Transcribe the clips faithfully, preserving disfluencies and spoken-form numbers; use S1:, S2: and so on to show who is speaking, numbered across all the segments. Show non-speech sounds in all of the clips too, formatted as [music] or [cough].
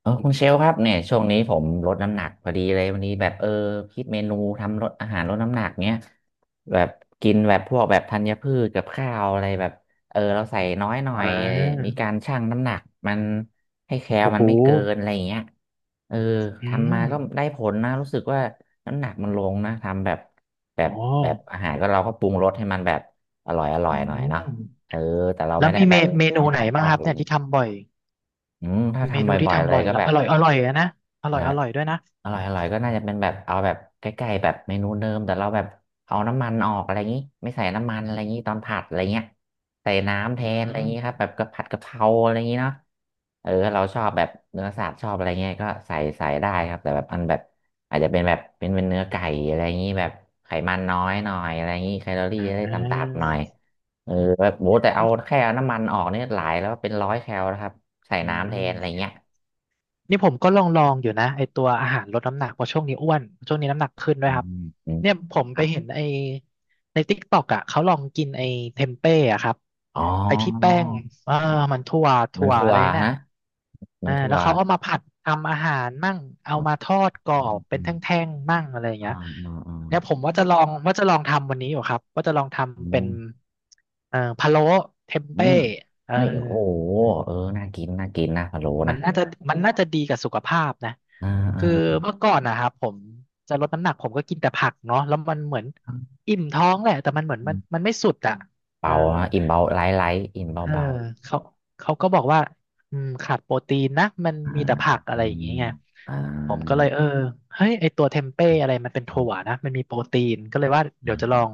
S1: เออคุณเชลครับเนี่ยช่วงนี้ผมลดน้ำหนักพอดีเลยวันนี้แบบเออคิดเมนูทำลดอาหารลดน้ำหนักเนี้ยแบบกินแบบพวกแบบธัญพืชกับข้าวอะไรแบบเออเราใส่น้อยหน่อ
S2: อ่
S1: ยมี
S2: า
S1: การชั่งน้ำหนักมันให้แคล
S2: โอ้
S1: มั
S2: โห
S1: นไม่เกินอะไรอย่างเงี้ยเออ
S2: อืม
S1: ทำมาก็ได้ผลนะรู้สึกว่าน้ำหนักมันลงนะทำแบบแบ
S2: อ๋อ
S1: บแบบอาหารก็เราก็ปรุงรสให้มันแบบอร่อยอร่อ
S2: อื
S1: ยหน่อยเนาะ
S2: ม
S1: เออแต่เรา
S2: แล้
S1: ไม่
S2: ว
S1: ได้
S2: มี
S1: แบ
S2: เม
S1: บ
S2: เมนู
S1: ไม่ข
S2: ไหน
S1: องท
S2: บ้าง
S1: อ
S2: ค
S1: ด
S2: รั
S1: อะ
S2: บ
S1: ไรอ
S2: เนี่
S1: ย่า
S2: ย
S1: งงี้
S2: ที่ทำบ่อย
S1: อืมถ้า
S2: เม
S1: ทำ
S2: นูที่
S1: บ่อยๆเล
S2: ทำบ่
S1: ย
S2: อย
S1: ก็
S2: แล้ว
S1: แบ
S2: อ
S1: บ
S2: ร่อยอร่อยอะนะอ
S1: อะ
S2: ร่อย
S1: ไร
S2: อร่อยด้วยนะ
S1: อร่อยอร่อยก็น่าจะเป็นแบบเอาแบบใกล้ๆแบบเมนูเดิมแต่เราแบบเอาน้ำมันออกอะไรอย่างนี้ไม่ใส่น้ำมันอะไรอย่างนี้ตอนผัดอะไรเงี้ยใส่น้ำแท
S2: อื
S1: นอะไรอย่างนี้ครับ
S2: ม
S1: แบบกะผัดกะเพราอะไรอย่างนี้เนาะเออเราชอบแบบเนื้อสัตว์ชอบอะไรเงี้ยก็ใส่ใส่ได้ครับแต่แบบอันแบบอาจจะเป็นแบบเป็นเป็นเนื้อไก่อะไรอย่างนี้แบบไขมันน้อยหน่อยอะไรอย่างนี้แคลอรี่
S2: อ่
S1: จะได้
S2: า
S1: ต่ำๆหน่อยเออแบบโหแต่เอาแค่เอาน้ำมันออกเนี่ยหลายแล้วเป็นร้อยแคลนะครับใส่
S2: อื
S1: น้ำแทนอะไร
S2: ม
S1: เงี้ย
S2: นี่ผมก็ลองลองอยู่นะไอตัวอาหารลดน้ำหนักเพราะช่วงนี้อ้วนช่วงนี้น้ำหนักขึ้นด้ว
S1: อื
S2: ยครับ
S1: มอืม
S2: เนี่ยผม
S1: ค
S2: ไป
S1: รับ
S2: เห็นไอในติ๊กต็อกอ่ะเขาลองกินไอเทมเป้อะครับ
S1: อ๋อ
S2: ไอที่แป้งเออมันถั่ว
S1: เหมือ
S2: ถั่
S1: น
S2: ว
S1: ถั่
S2: อะ
S1: ว
S2: ไรน่ะ
S1: ฮะเหมือ
S2: อ่า
S1: นถั่
S2: แล้
S1: ว
S2: วเขาเอามาผัดทำอาหารมั่งเอา
S1: อ๋อ
S2: มาทอดกรอ
S1: อืม
S2: บ
S1: อื
S2: เป็นแท
S1: ม
S2: ่งๆมั่งอะไรอย่าง
S1: อ่า
S2: เงี้ย
S1: อ่าอ่า
S2: เนี่ยผมว่าจะลองว่าจะลองทำวันนี้อยู่ครับว่าจะลอง
S1: อื
S2: ทำเป็น
S1: ม
S2: เอ่อพะโล้เทม
S1: อื
S2: เป้
S1: ม
S2: เออ
S1: เฮ้ยโอ้โหเออน่ากินน่ากินนะพะโล้
S2: มั
S1: นะ
S2: นน่าจะมันน่าจะดีกับสุขภาพนะ
S1: อ่า
S2: คือ
S1: อ่า
S2: เมื่อก่อนนะครับผมจะลดน้ำหนักผมก็กินแต่ผักเนาะแล้วมันเหมือนอิ่มท้องแหละแต่มันเหมือน
S1: อื
S2: มันมั
S1: ม
S2: นไม่สุดอ่ะเออ
S1: เบานะอิ่มเบาไลท์ไลท์อิ่มเบา
S2: เออ
S1: เบา
S2: เขาเขาก็บอกว่าอืมขาดโปรตีนนะมัน
S1: อ่า
S2: มีแต่ผักอะ
S1: อื
S2: ไรอย่าง
S1: ม
S2: เงี้ยไง
S1: อ่า
S2: ผมก็เลยเออเฮ้ยไอตัวเทมเป้อะไรมันเป็น
S1: อื
S2: ถั่ว
S1: ม
S2: นะมันมีโปรตีนก็เลยว่า
S1: อื
S2: เดี๋ยว
S1: ม
S2: จะ
S1: อ
S2: ลอ
S1: ม
S2: ง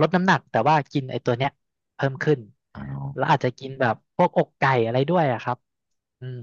S2: ลดน้ำหนักแต่ว่ากินไอตัวเนี้ยเพิ่มขึ้น
S1: อ๋อ
S2: แล้วอาจจะกินแบบพวกอกไก่อะไรด้วยอะครับอืม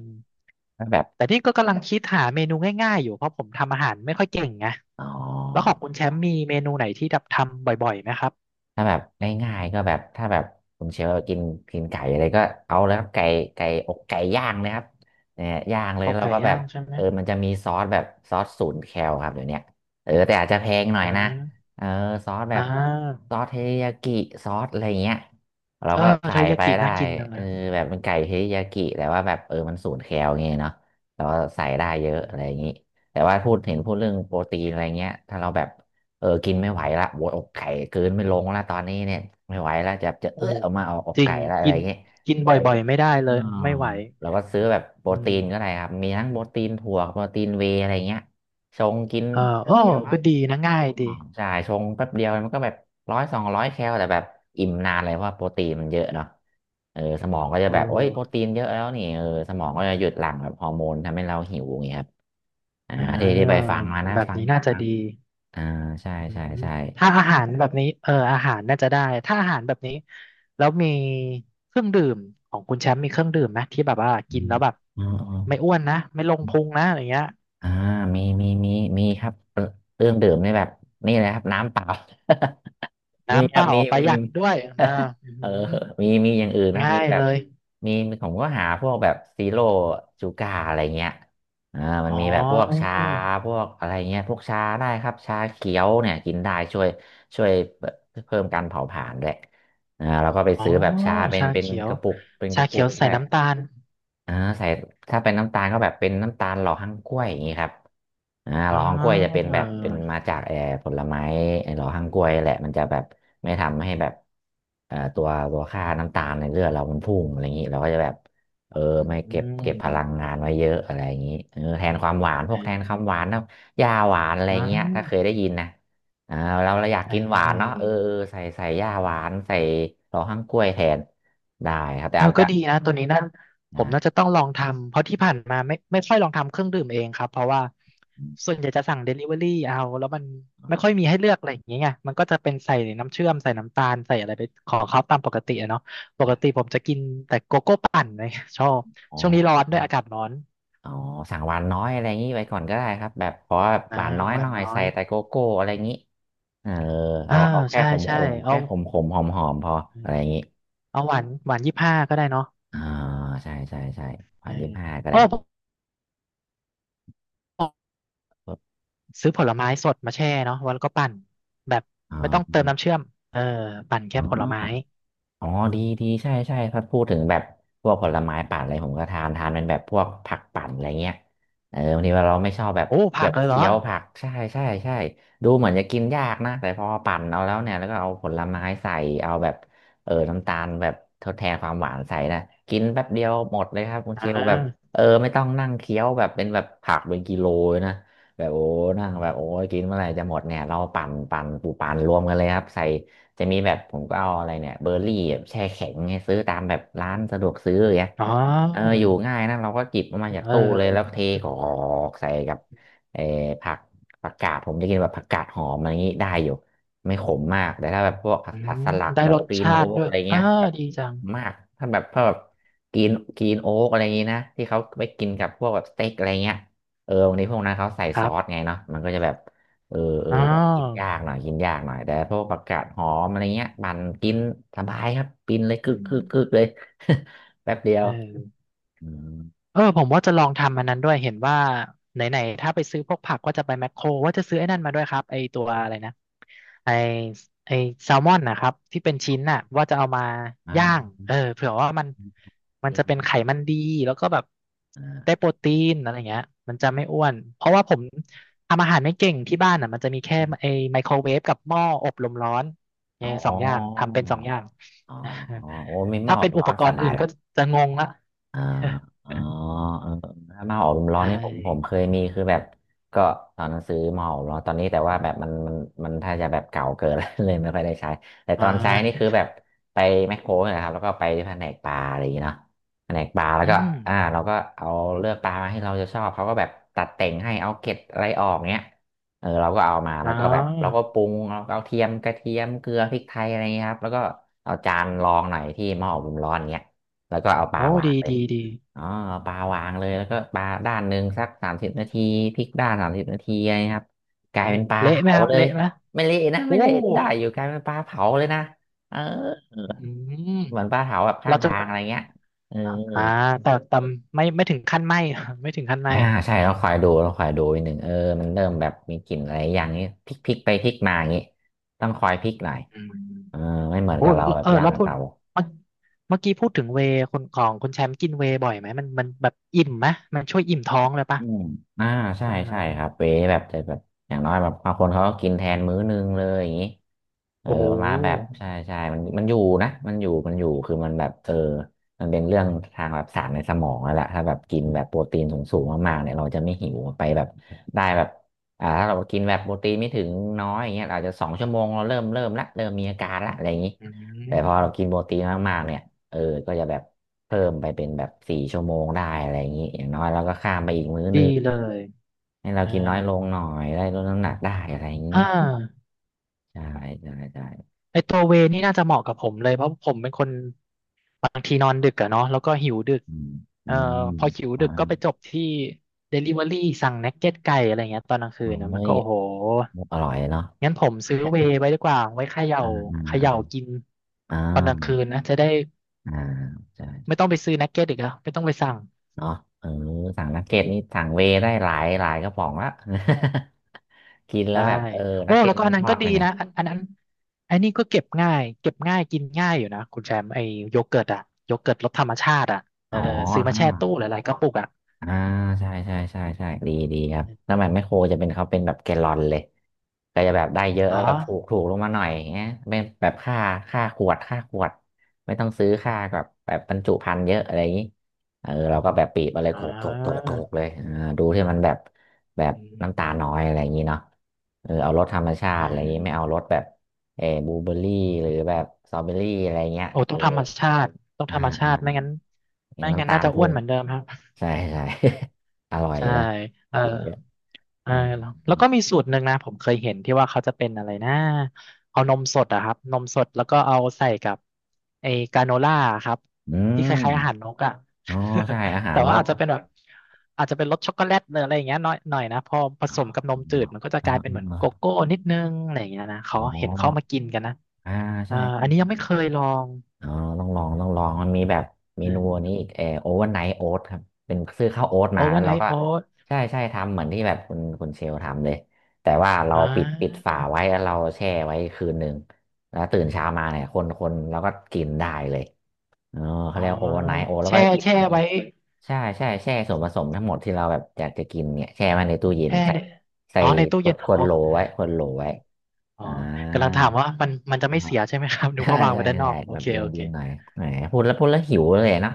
S1: แล้วแบบ
S2: แต่ที่ก็กำลังคิดหาเมนูง่ายๆอยู่เพราะผมทำอาหารไม่ค่อยเก่งไง
S1: อ๋อ
S2: แล้วของคุณแชมป์มีเมนูไหนที่แบบทำบ่อยๆไหมครับ
S1: ถ้าแบบง่ายๆก็แบบถ้าแบบคุณเชลล์กินกินไก่อะไรก็เอาแล้วครับไก่ไก่อกไก่ย่างนะครับเนี่ยย่างเลย
S2: โต๊ะ
S1: แล้ว
S2: ไก่
S1: ก็แบ
S2: ย่า
S1: บ
S2: งใช่ไหม
S1: เออมันจะมีซอสแบบซอสศูนย์แคลครับเดี๋ยวเนี้ยเออแต่อาจจะแพงหน่อ
S2: อ่
S1: ยนะ
S2: า
S1: เออซอสแบ
S2: อ่
S1: บ
S2: า
S1: ซอสเทริยากิซอสอะไรเงี้ยเรา
S2: เออ
S1: ก็ใส่
S2: เทอริยา
S1: ไป
S2: กิ
S1: ได้
S2: น่ากินจัง
S1: เอ
S2: เล
S1: อ
S2: ย
S1: แบบเป็นไก่เทริยากิแต่ว่าแบบเออมันศูนย์แคลเงี้ยเนาะเราก็ใส่ได้เยอะ
S2: อื
S1: อะ
S2: ม
S1: ไรอย่างงี้แต่ว่าพูดเห็นพูดเรื่องโปรตีนอะไรเงี้ยถ้าเราแบบ เออกินไม่ไหวละโวยอกไก่เกืนไม่ลงละตอนนี้เนี่ยไม่ไหวละจะจะ
S2: โอ้
S1: เอื้อ
S2: โห
S1: ออกมาเอาอก
S2: จริง
S1: ไก่ละอะไร
S2: กิน
S1: เงี้ย
S2: กินบ่อยๆไม่ได้เล
S1: อ๋อ
S2: ยไม่ไหว
S1: เราก็ซื้อแบบโปร
S2: อื
S1: ตี
S2: ม
S1: นก็ได้ครับมีทั้งโปรตีนถั่วโปรตีนเวย์อะไรเงี้ยชงกิน
S2: เออโอ้ก็ดีนะง่ายดี
S1: อ๋อใช่ชงแป๊บเดียวมันก็แบบร้อยสองร้อยแคลแต่แบบอิ่มนานเลยเพราะว่าโปรตีนมันเยอะเนาะเออสมองก็จะแบ
S2: โอ้
S1: บโอ้ยโปรตีนเยอะแล้วนี่เออสมองก็จะหยุดหลั่งแบบฮอร์โมนทำให้เราหิวอย่างเงี้ยครับอ่า
S2: อ่
S1: ที่ที่ไป
S2: า
S1: ฟังมานะ
S2: แบบ
S1: ฟัง
S2: นี้น่าจะ
S1: ฟัง
S2: ดี
S1: อ่าใช่
S2: อื
S1: ใช่
S2: ม
S1: ใช่
S2: ถ้าอาหารแบบนี้เอออาหารน่าจะได้ถ้าอาหารแบบนี้แล้วมีเครื่องดื่มของคุณแชมป์มีเครื่องดื่มไหมที่แบบว่า
S1: อื
S2: กิน
S1: ม
S2: แล้วแบบ
S1: อ๋ออ๋อ
S2: ไม่อ้วนนะไม่ลงพุงนะอย่างเงี้ย
S1: อ่ามีมีมีมีครับเอ่อเครื่องดื่มนี่แบบนี่เลยครับน้ำเปล่า [laughs] มี
S2: น้ำ
S1: ค
S2: เป
S1: รับ
S2: ล่า
S1: มี
S2: ประ
S1: มี
S2: หยั
S1: [laughs]
S2: ดด้วยนะอื
S1: เออ
S2: ม
S1: มีมีอย่างอื่นนะครับ
S2: ง่า
S1: มี
S2: ย
S1: แบ
S2: เล
S1: บ
S2: ย
S1: มีมีผมก็หาพวกแบบซีโร่ชูการ์อะไรเงี้ยอ่ามัน
S2: อ๋
S1: มี
S2: อ
S1: แบบพวกชาพวกอะไรเงี้ยพวกชาได้ครับชาเขียวเนี่ยกินได้ช่วยช่วยเพิ่มการเผาผลาญด้วยอ่าเราก็ไป
S2: อ๋อ
S1: ซื้อแบบชาเป็น
S2: ชา
S1: เป็น
S2: เขีย
S1: ก
S2: ว
S1: ระปุกเป็นก
S2: ชา
S1: ระปุ
S2: เขีย
S1: ก
S2: วใส่
S1: ได้
S2: น้ำตาล
S1: อ่าใส่ถ้าเป็นน้ำตาลก็แบบเป็นน้ำตาลหล่อฮั่งกล้วยอย่างนี้ครับอ่าห
S2: อ๋
S1: ล่
S2: อ
S1: อฮั่งกล้วยจะเป็นแบบเป็นมาจากเอ่อผลไม้ไอ้หล่อฮั่งกล้วยแหละมันจะแบบไม่ทำให้แบบเอ่อตัวตัวค่าน้ำตาลในเลือดเรามันพุ่งอะไรอย่างนี้เราก็จะแบบเออ
S2: อ
S1: ไม่
S2: ื
S1: เก็บเก็บพลั
S2: ม
S1: งงานไว้เยอะอะไรอย่างนี้เออแทนความหวานพว
S2: อ่
S1: กแทนค
S2: า
S1: วามหวานนะยาหวานอะไรเงี้ยถ้าเคยได้ยินนะอ่าเราเราอยาก
S2: อ
S1: กินหวานเนาะ
S2: ่
S1: เออเออใส่ใส่ยาหวานใส่หล่อฮั่งกล้วยแทนได้ครับแต่
S2: เออ
S1: อาจ
S2: ก็
S1: จะ
S2: ดีนะตัวนี้นั่นผมน่าจะ
S1: อ่า
S2: ต้องลองทำเพราะที่ผ่านมาไม่ไม่ค่อยลองทำเครื่องดื่มเองครับเพราะว่าส่วนใหญ่จะสั่งเดลิเวอรี่เอาแล้วมันไม่ค่อยมีให้เลือกอะไรอย่างเงี้ยไงมันก็จะเป็นใส่น้ำเชื่อมใส่น้ำตาลใส่อะไรไปของเขาตามปกติอะเนาะปกติผมจะกินแต่โกโก้ปั่นเลยชอบ
S1: อ๋
S2: ช่วงนี้ร้อ
S1: อ
S2: นด้วยอากาศร้อน
S1: อ๋อสั่งหวานน้อยอะไรอย่างนี้ไว้ก่อนก็ได้ครับแบบขอแบบห
S2: นะ
S1: วานน้อย
S2: หวา
S1: ห
S2: น
S1: น่อย
S2: น้อ
S1: ใส่
S2: ย
S1: แต่โกโก้อะไรอย่างนี้เออ
S2: อ่า
S1: เอาเอาแค่
S2: ใช่
S1: ขมข
S2: ใช่
S1: ม
S2: เอา
S1: แค่ขมขมหอมหอมพออะไรอย่างนี้
S2: เอาหวานหวานยี่สิบห้าก็ได้เนาะ
S1: อ่าใช่ใช่ใช่หวานยี่ห้าก็
S2: เอ
S1: ได้
S2: อโอ้
S1: อ๋อ
S2: ซื้อผลไม้สดมาแช่เนาะวแล้วก็ปั่นแบบไม่ต้องเติมน้ำเชื่อมเออปั่น
S1: อ๋
S2: แค่
S1: อ
S2: ผลไม้
S1: อ๋อดีดีใช่ใช่ถ้าพูดถึงแบบพวกผลไม้ปั่นอะไรผมก็ทานทานเป็นแบบพวกผักปั่นอะไรเงี้ยเออบางทีเราไม่ชอบแบบ
S2: โอ้
S1: แบ
S2: ผัก
S1: บ
S2: เลยเหรอ
S1: เคี้ยวผักใช่ใช่ใช่ดูเหมือนจะกินยากนะแต่พอปั่นเอาแล้วเนี่ยแล้วก็เอาผลไม้ใส่เอาแบบเออน้ำตาลแบบทดแทนความหวานใส่นะกินแป๊บเดียวหมดเลยครับคุณ
S2: อ่
S1: เชลแบบ
S2: า
S1: เออไม่ต้องนั่งเคี้ยวแบบเป็นแบบผักเป็นกิโลเลยนะแบบโอ้นั่งแบบโอ้ยกินเมื่อไหร่จะหมดเนี่ยเราปั่นปั่นปูปั่นรวมกันเลยครับใส่ จะมีแบบผมก็เอาอะไรเนี่ยเบอร์รี่แบบแช่แข็งให้ซื้อตามแบบร้านสะดวกซื้ออย่างเงี้ย
S2: อ๋อ
S1: เอออยู่ง่ายนะเราก็จิบออกมาจาก
S2: เอ
S1: ตู้เลยแล้วเท
S2: อ
S1: กรอกใส่กับเออผักผักกาดผมจะกินแบบผักกาดหอมอะไรอย่างงี้ได้อยู่ไม่ขมมากแต่ถ้าแบบพวกผัก
S2: อื
S1: ผัก
S2: ม
S1: สลัก
S2: ได้
S1: แบ
S2: ร
S1: บ
S2: ส
S1: กรีน
S2: ชา
S1: โอ๊
S2: ติ
S1: ก
S2: ด้วย
S1: อะไรเงี้
S2: อ่า
S1: ยแบบ
S2: ดีจัง
S1: มากถ้าแบบพวกกรีนกรีนโอ๊กอะไรอย่างงี้นะที่เขาไปกินกับพวกแบบสเต็กอะไรเงี้ยเออวันนี้พวกนั้นเขาใส่
S2: ค
S1: ซ
S2: รั
S1: อส
S2: บ
S1: ไงเนาะมันก็จะแบบ เออเออ
S2: อ๋
S1: แบบกิน
S2: อ
S1: ยากหน่อยกินยากหน่อยแต่พวกผักกาดหอมอะไรเงี้ยปั่นกินสบายครับกินเลยคึก
S2: อื
S1: คึ
S2: ม
S1: กคึกเลย [laughs] แป๊บเดียว
S2: เออ
S1: อืม
S2: เออผมว่าจะลองทำอันนั้นด้วยเห็นว่าไหนๆถ้าไปซื้อพวกผักก็จะไปแมคโครว่าจะซื้อไอ้นั่นมาด้วยครับไอ้ตัวอะไรนะไอ้ไอ้แซลมอนนะครับที่เป็นชิ้นน่ะว่าจะเอามา
S1: อ่า
S2: ย่างเออเผื่อว่ามันมันจะ
S1: ดี
S2: เป็น
S1: ดี
S2: ไขมันดีแล้วก็แบบ
S1: อ่า
S2: ได้โปรตีนอะไรเงี้ยมันจะไม่อ้วนเพราะว่าผมทำอาหารไม่เก่งที่บ้านอ่ะมันจะมีแค่ไอ้ไมโครเวฟกับหม้ออบลมร้อนเออ
S1: อ๋
S2: สองอย่าง
S1: อ
S2: ทำเป็นสองอย่าง
S1: อ๋อโอ้ไม่ห
S2: [laughs]
S1: ม้
S2: ถ้า
S1: อ
S2: เป็นอุ
S1: ร้อ
S2: ป
S1: น
S2: ก
S1: ส
S2: รณ์
S1: บาย
S2: อื่น
S1: ละ
S2: ก็จะงงละ
S1: อ่าอ๋อเออถ้ามาหาอบุมร้อน
S2: ใช่
S1: นี่ผมผมเคยมีคือแบบก็ตอนหนั้นซื้อมหาอบลมร้อนตอนนี้แต่ว่าแบบมันมันมันถ้าจะแบบเก่าเกินแล้ว [laughs] เลยไม่ค่อยได้ใช้แต่ต
S2: อ่
S1: อนใช้นี่คือ
S2: า
S1: แบบไปแมคโครนะครับแล้วก็ไปที่แผนกปลาอะไรอย่างเงี้ยเนาะแผนกปลาแล้ว
S2: อื
S1: ก็
S2: ม
S1: อ่าเราก็เอาเลือกปลามาให้เราจะชอบเขาก็แบบตัดแต่งให้เอาเกล็ดอะไรออกเงี้ยเออเราก็เอามา
S2: อ๋
S1: แล้วก็แบบเราก็
S2: อ
S1: ปรุงเราก็เอาเทียมกระเทียมเกลือพริกไทยอะไรเงี้ยครับแล้วก็เอาจานรองหน่อยที่หม้ออบลมร้อนเงี้ยแล้วก็เอาปลา
S2: โอ้
S1: วาง
S2: ดี
S1: เลย
S2: ดีดี
S1: อ๋อปลาวางเลยแล้วก็ปลาด้านหนึ่งสักสามสิบนาทีพลิกด้านสามสิบนาทีอะไรนะครับกลาย
S2: โอ้
S1: เป็นปลา
S2: เละไหม
S1: เผา
S2: ครับ
S1: เลย
S2: เละไหม
S1: ไม่เละนะ
S2: โอ้
S1: ไม่เละได้อยู่กลายเป็นปลาเผาเลยนะเออ
S2: อืม
S1: เหมือนปลาเผาแบบข้า
S2: เรา
S1: ง
S2: จะ
S1: ทาง
S2: แบ
S1: อะ
S2: บ
S1: ไรเงี้ยเออ
S2: อ่าแต่แต่ไม่ไม่ถึงขั้นไหม [laughs] ไม่ถึงขั้นไหม
S1: อ่าใช่เราคอยดูเราคอยดูอีกหนึ่งเออมันเริ่มแบบมีกลิ่นอะไรอย่างนี้พลิกพลิกไปพลิกมาอย่างนี้ต้องคอยพลิกหน่อย
S2: อื
S1: เออ
S2: ม
S1: ไม่เหมือน
S2: โอ้
S1: กับเราแบบ
S2: เออ
S1: ย่าง
S2: แล้ว
S1: กับ
S2: พูด
S1: เตา
S2: เมื่อเมื่อกี้พูดถึงเวย์คนของคุณแชมป์กินเวย์บ่อยไหมมันมันแบบอิ่มไหมมันช่วยอิ่มท้องเลยปะ
S1: อืมอ่าใช่
S2: อ่
S1: ใช่ครับ
S2: า
S1: เวแบบจะแบบอย่างน้อยแบบบางคนเขาก็กินแทนมื้อนึงเลยอย่างนี้เออ
S2: โอ้โห
S1: มาแบบใช่ใช่มันมันอยู่นะมันอยู่มันอยู่คือมันแบบเออมันเป็นเรื่องทางแบบสารในสมองนั่นแหละถ้าแบบกินแบบโปรตีนสูงๆมากๆเนี่ยเราจะไม่หิวไปแบบได้แบบอ่าถ้าเรากินแบบโปรตีนไม่ถึงน้อยอย่างเงี้ยอาจจะสองชั่วโมงเราเริ่มเริ่มละเริ่มมีอาการละอะไรอย่างนี้
S2: อื
S1: แต่พอเรา
S2: ม
S1: กินโปรตีนมากๆเนี่ยเออก็จะแบบ เพิ่มไปเป็นแบบสี่ชั่วโมงได้อะไรอย่างนี้อย่างน้อยเราก็ข้ามไปอีกมื้อ
S2: ดี
S1: นึง
S2: เลย
S1: ให้เรา
S2: อ่า
S1: กินน้อยลงหน่อยได้ลดน้ำหนักได้อะไรอย่างนี้
S2: อ่า
S1: ใช่ใช่ใช่
S2: ไอตัวเวนี่น่าจะเหมาะกับผมเลยเพราะผมเป็นคน บางทีนอนดึกอะเนาะแล้วก็หิวดึก
S1: อืมอื
S2: เอ่อ
S1: ม
S2: พอหิว
S1: อ่า
S2: ดึกก็ไปจบที่ Delivery สั่งนักเก็ตไก่อะไรเงี้ยตอนกลางคืนนะ
S1: เฮ้
S2: มัน
S1: ย
S2: ก็โอ้โห
S1: อร่อยเนาะ
S2: งั้นผมซื้อเวย์ไว้ดีกว่าไว้เขย่า
S1: อ่า
S2: เขย่า
S1: อ่า
S2: กิน
S1: อ่
S2: ตอนกลางคืน
S1: า
S2: นะจะได้
S1: อ่าใช่
S2: ไม่ต้องไปซื้อนักเก็ตอีกแล้วไม่ต้องไปสั่ง
S1: เนาะเออสั่งนักเก็ตนี่สั่งเวย์ได้หลายหลายกระป๋องละ [laughs] กินแล้ว
S2: ใช่
S1: แบบเออ
S2: โอ้
S1: นักเก็
S2: แล้
S1: ต
S2: วก็
S1: มัน
S2: อัน
S1: ท
S2: นั้น
S1: อ
S2: ก็
S1: ด
S2: ดี
S1: ยังไง
S2: นะอันอันนั้นอันนี้ก็เก็บง่ายเก็บง่ายกินง่ายอยู่นะคุณแชมป์ไอ้โยเกิร์ตอะโยเกิร์ตรสธรรมชาติอะเอ
S1: อ๋
S2: อ
S1: อ
S2: ซื้อมาแช่ตู้หลายๆกระปุกอะ
S1: อ่าใช่ใช่ใช่ใช่ดีดีครับสมัยแมคโครจะเป็นเขาเป็นแบบแกลลอนเลยก็จะแบบได้เยอะแบบ
S2: เนาะ
S1: ถูกถูกลงมาหน่อยอย่างเงี้ยเป็นแบบค่าค่าขวดค่าขวดไม่ต้องซื้อค่าแบบแบบบรรจุภัณฑ์เยอะอะไรอย่างงี้เออเราก็แบบปีบอะไร
S2: อ่
S1: โขกโขกโขกโข
S2: า
S1: กเลยเออดูที่มันแบบแบบ
S2: อืม
S1: น้ำตาน้อยอะไรอย่างงี้เนาะเออเอารสธรรมชา
S2: อ่
S1: ติอะไรอย่างงี้ไม่เอา
S2: า
S1: รสแบบเออบลูเบอร์รี่หรือแบบสตรอเบอรี่อะไรเงี้ย
S2: โอ้
S1: เอ
S2: ต้อ
S1: อ
S2: งธรรมชาติต้อง
S1: อ่า
S2: ธรรมชา
S1: อ่า
S2: ติไม่งั้น
S1: เห็
S2: ไม่
S1: น
S2: งั้
S1: น้ำ
S2: น
S1: ตา
S2: น่า
S1: ล
S2: จะอ้
S1: พุ่
S2: วน
S1: ง
S2: เหมือนเดิมครับ
S1: ใช่ใช่ [laughs] อร่อย
S2: ใช่
S1: นะ
S2: เออ
S1: กินเยอะ
S2: เออ
S1: อื
S2: แล้ว
S1: ม
S2: แล้วก็มีสูตรหนึ่งนะผมเคยเห็นที่ว่าเขาจะเป็นอะไรนะเอานมสดอะครับนมสดแล้วก็เอาใส่กับไอ้กราโนล่าครับ
S1: อื
S2: ที่
S1: ม
S2: คล้ายๆอาหารนกอะ
S1: อ๋อใช่อา
S2: [laughs]
S1: หา
S2: แต่
S1: รน
S2: ว่า
S1: ก
S2: อาจจะเป็นแบบอาจจะเป็นรสช็อกโกแลตหรืออะไรอย่างเงี้ยหน่อยหน่อยนะพอผสมกับน
S1: อื
S2: มจื
S1: ม
S2: ดมันก็จะ
S1: อ๋
S2: กลายเป็นเหมือนโก
S1: อ
S2: โก้นิดนึงอะไรอย่างเงี้ยนะ
S1: อ๋
S2: เขาเห็นเขามา
S1: อ
S2: กินกันนะ
S1: อ่า
S2: เอ
S1: ใช่
S2: ออันนี้ยังไม่
S1: ใช่
S2: เคยลอง
S1: อ๋อต้องลองต้องลองมันมีแบบเมนูอันนี้อีกเออโอเวอร์ไนท์โอ๊ตครับเป็นซื้อข้าวโอ๊ต
S2: โอ
S1: มา
S2: เว
S1: แล้
S2: อ
S1: ว
S2: ร์ไน
S1: เรา
S2: ท์
S1: ก็
S2: โอ๊ต
S1: ใช่ใช่ทำเหมือนที่แบบคุณคุณเชลทำเลยแต่ว่าเรา
S2: อ่
S1: ปิดปิด
S2: า
S1: ฝาไว้แล้วเราแช่ไว้คืนหนึ่งแล้วตื่นเช้ามาเนี่ยคนคนเราก็กินได้เลย เออเขา
S2: อ๋อ
S1: เรียกโอไนโอแล้ว
S2: แช่
S1: ก็อิ่ม
S2: แช่
S1: อี
S2: ไว้
S1: กใช่ใช่แช่ส่วนผสมทั้งหมดที่เราแบบอยากจะกินเนี่ยแช่ไว้ในตู้เย็น
S2: แช่
S1: ใส่
S2: เนี่ย
S1: ใส่
S2: อ๋อในตู้
S1: ขว
S2: เย็
S1: ด
S2: น
S1: ขว
S2: อ๋
S1: ด
S2: อ
S1: โหลไว้ขวดโหลไว้
S2: อ๋อ
S1: อ่
S2: กำลัง
S1: า
S2: ถามว่ามันมันจะ
S1: [laughs] อ่า
S2: ไม่เสียใช่ไหมครับ [laughs] นึก
S1: ใช่
S2: ว่าวางไว้
S1: ใช่
S2: ด้านน
S1: ใช่
S2: อกโอ
S1: แบบ
S2: เค
S1: เย็น
S2: โอเค
S1: เย็นหน่อยแหมพูดแล้วพูดแล้วหิวเลยนะ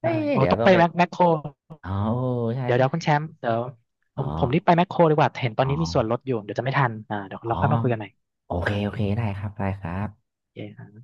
S1: เฮ้
S2: ได้
S1: ย
S2: โอ้
S1: เดี๋ยว
S2: ต้อง
S1: ต้อ
S2: ไป
S1: งไป
S2: แมคแมคโคร
S1: อ๋อใช่
S2: เดี๋ยวเดี๋ยวคุณ
S1: ใช่
S2: แชมป์เดี๋ยว ผ
S1: อ๋อ
S2: มผมรีบไปแมคโครดีกว่า เห็นตอ
S1: อ๋
S2: น
S1: อ
S2: นี้มีส่วนลดอยู่ เดี๋ยวจะไม่ทันอ่าเดี๋ยว
S1: อ๋อ
S2: เราค่อยมาคุยกันใหม่
S1: โอเคโอเคได้ครับได้ครับ
S2: โอเค